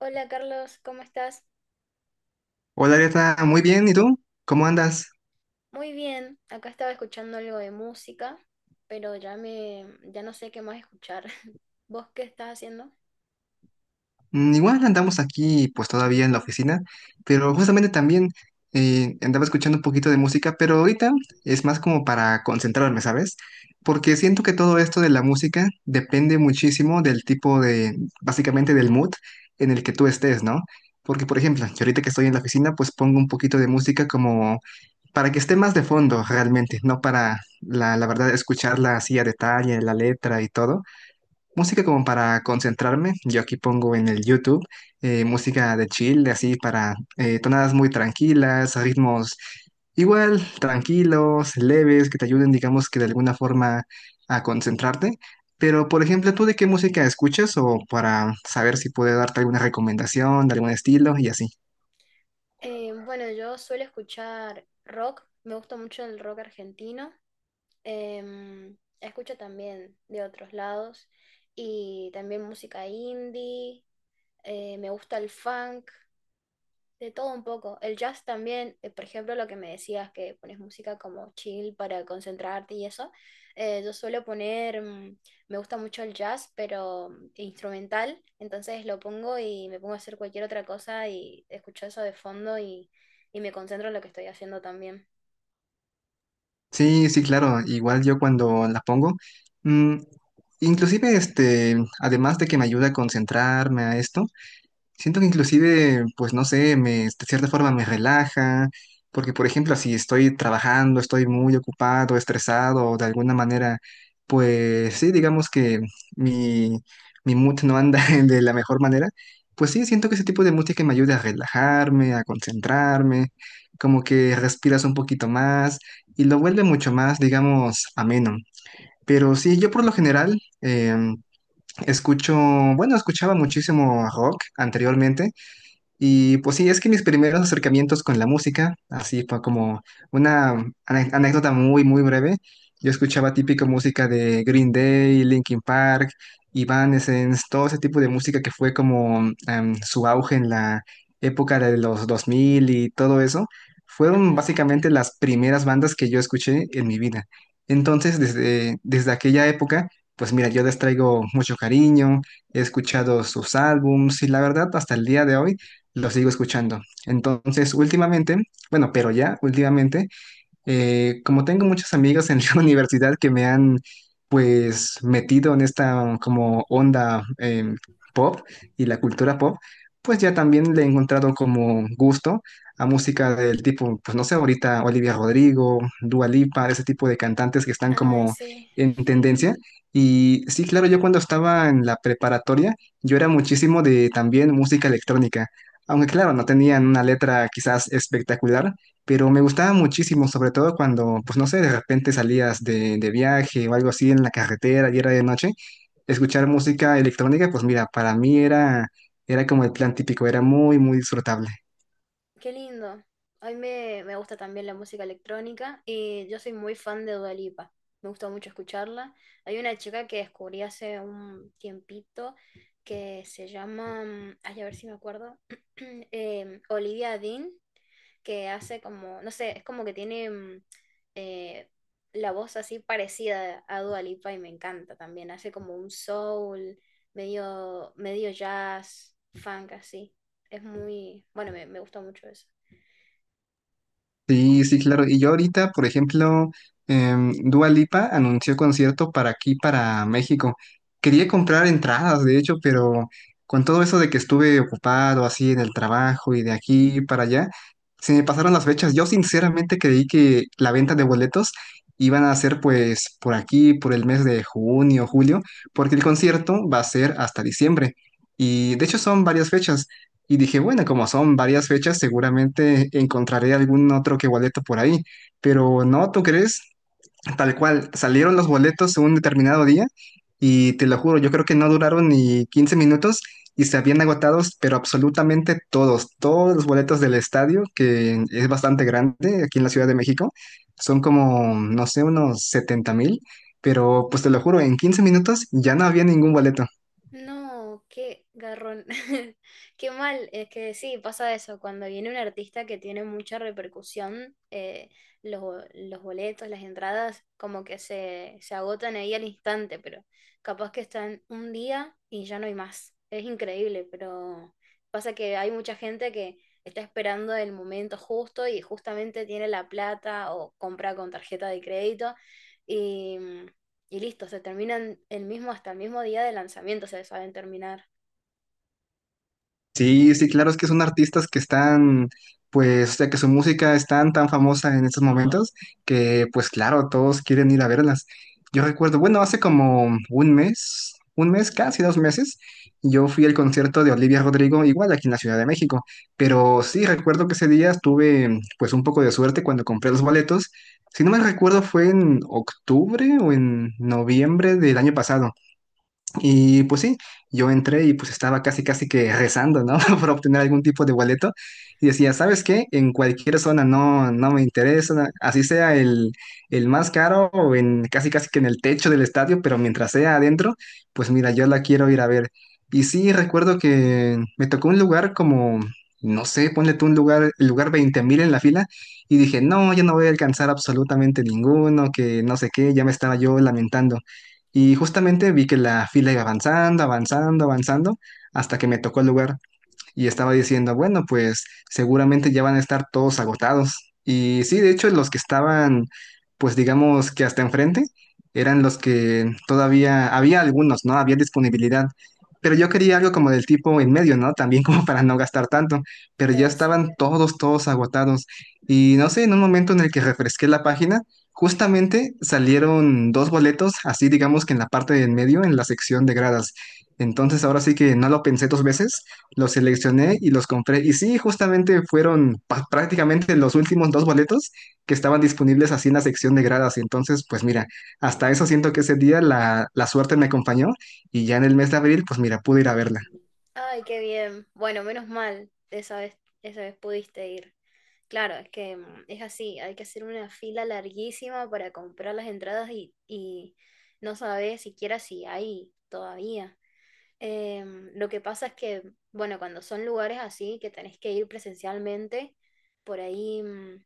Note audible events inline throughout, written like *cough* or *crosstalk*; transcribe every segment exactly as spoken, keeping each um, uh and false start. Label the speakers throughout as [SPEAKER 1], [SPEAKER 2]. [SPEAKER 1] Hola Carlos, ¿cómo estás?
[SPEAKER 2] Hola, Arieta, muy bien, ¿y tú? ¿Cómo andas?
[SPEAKER 1] Muy bien, acá estaba escuchando algo de música, pero ya me, ya no sé qué más escuchar. *laughs* ¿Vos qué estás haciendo?
[SPEAKER 2] Mm, Igual andamos aquí, pues todavía en la oficina, pero justamente también eh, andaba escuchando un poquito de música, pero ahorita es más como para concentrarme, ¿sabes? Porque siento que todo esto de la música depende muchísimo del tipo de, básicamente del mood en el que tú estés, ¿no? Porque, por ejemplo, yo ahorita que estoy en la oficina, pues pongo un poquito de música como para que esté más de fondo realmente, no para, la, la verdad, escucharla así a detalle, la letra y todo. Música como para concentrarme, yo aquí pongo en el YouTube eh, música de chill, así para eh, tonadas muy tranquilas, ritmos igual, tranquilos, leves, que te ayuden, digamos que de alguna forma a concentrarte. Pero, por ejemplo, ¿tú de qué música escuchas o para saber si puedo darte alguna recomendación de algún estilo y así?
[SPEAKER 1] Eh, bueno, yo suelo escuchar rock, me gusta mucho el rock argentino. Em, Escucho también de otros lados y también música indie, eh, me gusta el funk. De todo un poco. El jazz también. Eh, por ejemplo, lo que me decías, que pones música como chill para concentrarte y eso. Eh, yo suelo poner, mm, me gusta mucho el jazz, pero mm, instrumental. Entonces lo pongo y me pongo a hacer cualquier otra cosa y escucho eso de fondo, y, y me concentro en lo que estoy haciendo también.
[SPEAKER 2] Sí, sí, claro, igual yo cuando la pongo, mm, inclusive este, además de que me ayuda a concentrarme a esto. Siento que inclusive, pues no sé, me, de cierta forma me relaja, porque por ejemplo, si estoy trabajando, estoy muy ocupado, estresado, o de alguna manera, pues sí, digamos que mi, mi mood no anda *laughs* de la mejor manera, pues sí, siento que ese tipo de música me ayuda a relajarme, a concentrarme, como que respiras un poquito más y lo vuelve mucho más, digamos, ameno. Pero sí, yo por lo general... em, Escucho, bueno, escuchaba muchísimo rock anteriormente, y pues sí, es que mis primeros acercamientos con la música, así fue como una ane- anécdota muy, muy breve. Yo escuchaba típico música de Green Day, Linkin Park, Evanescence, todo ese tipo de música que fue como em, su auge en la época de los dos mil y todo eso. Fueron
[SPEAKER 1] Ajá.
[SPEAKER 2] básicamente las primeras bandas que yo escuché en mi vida. Entonces, desde, desde aquella época, pues mira, yo les traigo mucho cariño, he escuchado sus álbums y la verdad, hasta el día de hoy lo sigo escuchando. Entonces, últimamente, bueno, pero ya últimamente eh, como tengo muchos amigos en *laughs* la universidad que me han pues metido en esta como onda em, pop y la cultura pop, pues ya también le he encontrado como gusto a música del tipo, pues no sé, ahorita Olivia Rodrigo, Dua Lipa, ese tipo de cantantes que están
[SPEAKER 1] Ay,
[SPEAKER 2] como
[SPEAKER 1] sí.
[SPEAKER 2] en tendencia. Y sí, claro, yo cuando estaba en la preparatoria, yo era muchísimo de también música electrónica. Aunque claro, no tenían una letra quizás espectacular, pero me gustaba muchísimo, sobre todo cuando, pues no sé, de repente salías de, de viaje o algo así en la carretera y era de noche, escuchar música electrónica, pues mira, para mí era, era como el plan típico, era muy, muy disfrutable.
[SPEAKER 1] Qué lindo. A mí me, me gusta también la música electrónica y yo soy muy fan de Dua Lipa. Me gusta mucho escucharla. Hay una chica que descubrí hace un tiempito que se llama, mm, ay, a ver si me acuerdo. *clears throat* em, Olivia Dean, que hace como, no sé, es como que tiene mm, eh, la voz así parecida a Dua Lipa y me encanta también. Hace como un soul, medio, medio jazz, funk así. Es muy, bueno, me, me gusta mucho eso.
[SPEAKER 2] Sí, sí, claro. Y yo ahorita, por ejemplo, em, Dua Lipa anunció concierto para aquí, para México. Quería comprar entradas, de hecho, pero con todo eso de que estuve ocupado así en el trabajo y de aquí para allá, se me pasaron las fechas. Yo sinceramente creí que la venta de boletos iban a ser pues por aquí, por el mes de junio, julio, porque el concierto va a ser hasta diciembre. Y de hecho son varias fechas. Y dije, bueno, como son varias fechas, seguramente encontraré algún otro que boleto por ahí. Pero no, ¿tú crees? Tal cual, salieron los boletos un determinado día y te lo juro, yo creo que no duraron ni quince minutos y se habían agotados, pero absolutamente todos, todos los boletos del estadio, que es bastante grande aquí en la Ciudad de México, son como, no sé, unos setenta mil, pero pues te lo juro, en quince minutos ya no había ningún boleto.
[SPEAKER 1] No, qué garrón. *laughs* Qué mal, es que sí, pasa eso. Cuando viene un artista que tiene mucha repercusión, eh, los, bo- los boletos, las entradas, como que se, se agotan ahí al instante, pero capaz que están un día y ya no hay más. Es increíble, pero pasa que hay mucha gente que está esperando el momento justo y justamente tiene la plata o compra con tarjeta de crédito y listo, se terminan el mismo, hasta el mismo día de lanzamiento, se saben terminar.
[SPEAKER 2] Sí, sí, claro, es que son artistas que están, pues, o sea, que su música es tan, tan famosa en estos momentos que, pues, claro, todos quieren ir a verlas. Yo recuerdo, bueno, hace como un mes, un mes, casi dos meses, yo fui al concierto de Olivia Rodrigo, igual aquí en la Ciudad de México, pero sí, recuerdo que ese día tuve, pues, un poco de suerte cuando compré los boletos. Si no me recuerdo, fue en octubre o en noviembre del año pasado. Y pues sí, yo entré y pues estaba casi casi que rezando, ¿no? *laughs* Por obtener algún tipo de boleto. Y decía, ¿sabes qué? En cualquier zona no, no me interesa, así sea el, el más caro o en casi casi que en el techo del estadio, pero mientras sea adentro, pues mira, yo la quiero ir a ver. Y sí, recuerdo que me tocó un lugar como, no sé, ponle tú un lugar, el lugar veinte mil en la fila. Y dije, no, yo no voy a alcanzar absolutamente ninguno, que no sé qué, ya me estaba yo lamentando. Y justamente vi que la fila iba avanzando, avanzando, avanzando, hasta que me tocó el lugar y estaba diciendo, bueno, pues seguramente ya van a estar todos agotados. Y sí, de hecho, los que estaban, pues digamos que hasta enfrente, eran los que todavía había algunos, ¿no? Había disponibilidad. Pero yo quería algo como del tipo en medio, ¿no? También *laughs* como para no gastar tanto. Pero ya
[SPEAKER 1] Claro, sí.
[SPEAKER 2] estaban todos, todos agotados. Y no sé, en un momento en el que refresqué la página, justamente salieron dos boletos, así digamos que en la parte de en medio, en la sección de gradas. Entonces ahora sí que no lo pensé dos veces, los seleccioné y los compré. Y sí, justamente fueron pa- prácticamente los últimos dos boletos que estaban disponibles así en la sección de gradas. Entonces, pues mira, hasta eso siento que ese día la, la suerte me acompañó y ya en el mes de abril, pues mira, pude ir a verla.
[SPEAKER 1] Ay, qué bien. Bueno, menos mal, esa vez, esa vez pudiste ir. Claro, es que mm, es así, hay que hacer una fila larguísima para comprar las entradas, y, y no sabes siquiera si hay todavía. Eh, lo que pasa es que, bueno, cuando son lugares así que tenés que ir presencialmente, por ahí mm,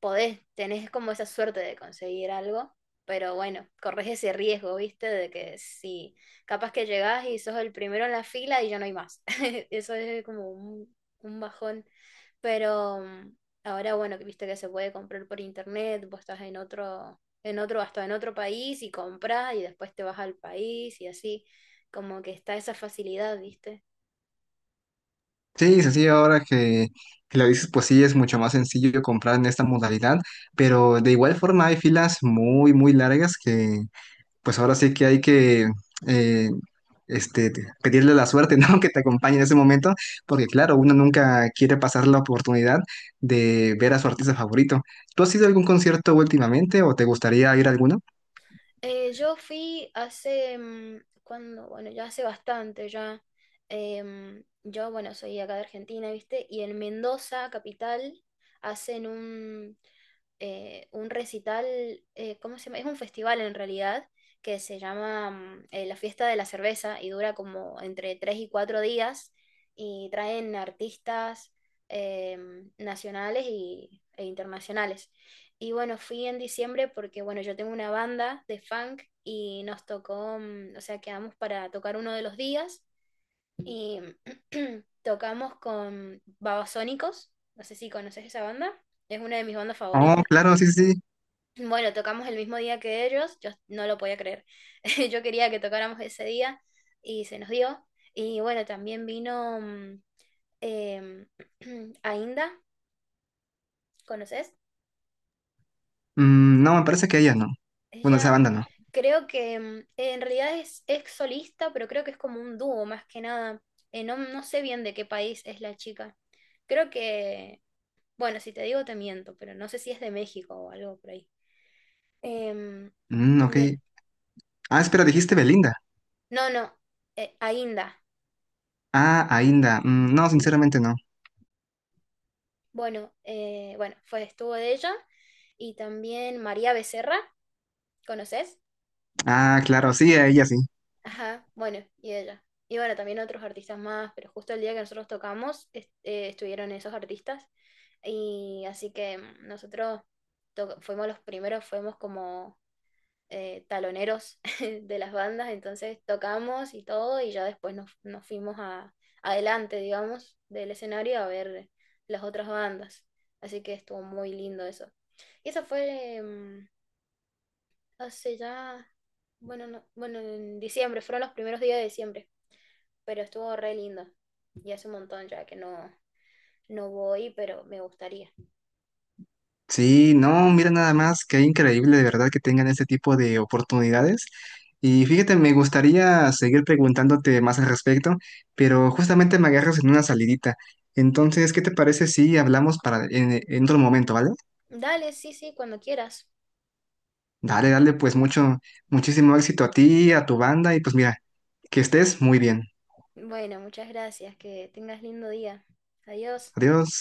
[SPEAKER 1] podés, tenés como esa suerte de conseguir algo, pero bueno, corres ese riesgo, ¿viste? De que si capaz que llegás y sos el primero en la fila y ya no hay más. *laughs* Eso es como un, un bajón. Pero mm, ahora, bueno, que viste que se puede comprar por internet, vos estás en otro, en otro, hasta en otro país y compras y después te vas al país y así, como que está esa facilidad, ¿viste?
[SPEAKER 2] Sí, sí, sí, ahora que, que lo dices, pues sí, es mucho más sencillo comprar en esta modalidad, pero de igual forma hay filas muy, muy largas que pues ahora sí que hay que... eh, este, te- pedirle la suerte, ¿no? *laughs* Que te acompañe en ese momento, porque claro, uno nunca quiere pasar la oportunidad de ver a su artista favorito. ¿Tú has ido a algún concierto últimamente o te gustaría ir a alguno?
[SPEAKER 1] Eh, yo fui hace, mm, cuando, bueno, ya hace bastante, ya. Em, yo, bueno, soy acá de Argentina, ¿viste? Y en Mendoza, capital, hacen un, eh, un recital. Eh, ¿cómo se llama? Es un festival en realidad que se llama mm, eh, La Fiesta de la Cerveza y dura como entre tres y cuatro días y traen artistas em, nacionales y, e internacionales. Y bueno, fui en diciembre porque, bueno, yo tengo una banda de funk y nos tocó, mm, o sea, quedamos para tocar uno de los días y *clears throat* tocamos con Babasónicos, no sé si conoces esa banda, es una de mis bandas
[SPEAKER 2] Oh,
[SPEAKER 1] favoritas.
[SPEAKER 2] claro, sí, sí, sí.
[SPEAKER 1] Bueno, tocamos el mismo día que ellos, yo no lo podía creer. *laughs* Yo quería que tocáramos ese día y se nos dio. Y bueno, también vino mm, em, *clears throat* Ainda, ¿conoces?
[SPEAKER 2] Mm, no, me parece que ella no. Bueno, esa
[SPEAKER 1] Ella
[SPEAKER 2] banda no.
[SPEAKER 1] creo que, mm, en realidad es ex solista, pero creo que es como un dúo más que nada. Eh, no, no sé bien de qué país es la chica. Creo que, bueno, si te digo te miento, pero no sé si es de México o algo por ahí. Em,
[SPEAKER 2] Mm, ok.
[SPEAKER 1] de-
[SPEAKER 2] Ah, espera, dijiste Belinda.
[SPEAKER 1] no, no, eh, Ainda.
[SPEAKER 2] Ah, Ainda. Mm, no, sinceramente no.
[SPEAKER 1] Bueno, eh, bueno, fue, estuvo de ella, y también María Becerra, ¿conoces?
[SPEAKER 2] Ah, claro, sí, a ella sí.
[SPEAKER 1] Ajá, bueno, y ella. Y bueno, también otros artistas más, pero justo el día que nosotros tocamos est- eh, estuvieron esos artistas. Y así que nosotros to- fuimos los primeros, fuimos como eh, taloneros *laughs* de las bandas, entonces tocamos y todo, y ya después nos, nos fuimos a, adelante, digamos, del escenario a ver las otras bandas. Así que estuvo muy lindo eso. Y eso fue em, hace ya, bueno, no- bueno, en diciembre, fueron los primeros días de diciembre, pero estuvo re lindo. Y hace un montón ya que no, no voy, pero me gustaría.
[SPEAKER 2] Sí, no, mira nada más, qué increíble de verdad que tengan este tipo de oportunidades. Y fíjate, me gustaría seguir preguntándote más al respecto, pero justamente me agarras en una salidita. Entonces, ¿qué te parece si hablamos para en, en otro momento, vale?
[SPEAKER 1] Dale, sí, sí, cuando quieras.
[SPEAKER 2] Dale, dale, pues mucho, muchísimo éxito a ti, a tu banda y pues mira, que estés muy bien.
[SPEAKER 1] Bueno, muchas gracias, que tengas lindo día. Adiós.
[SPEAKER 2] Adiós.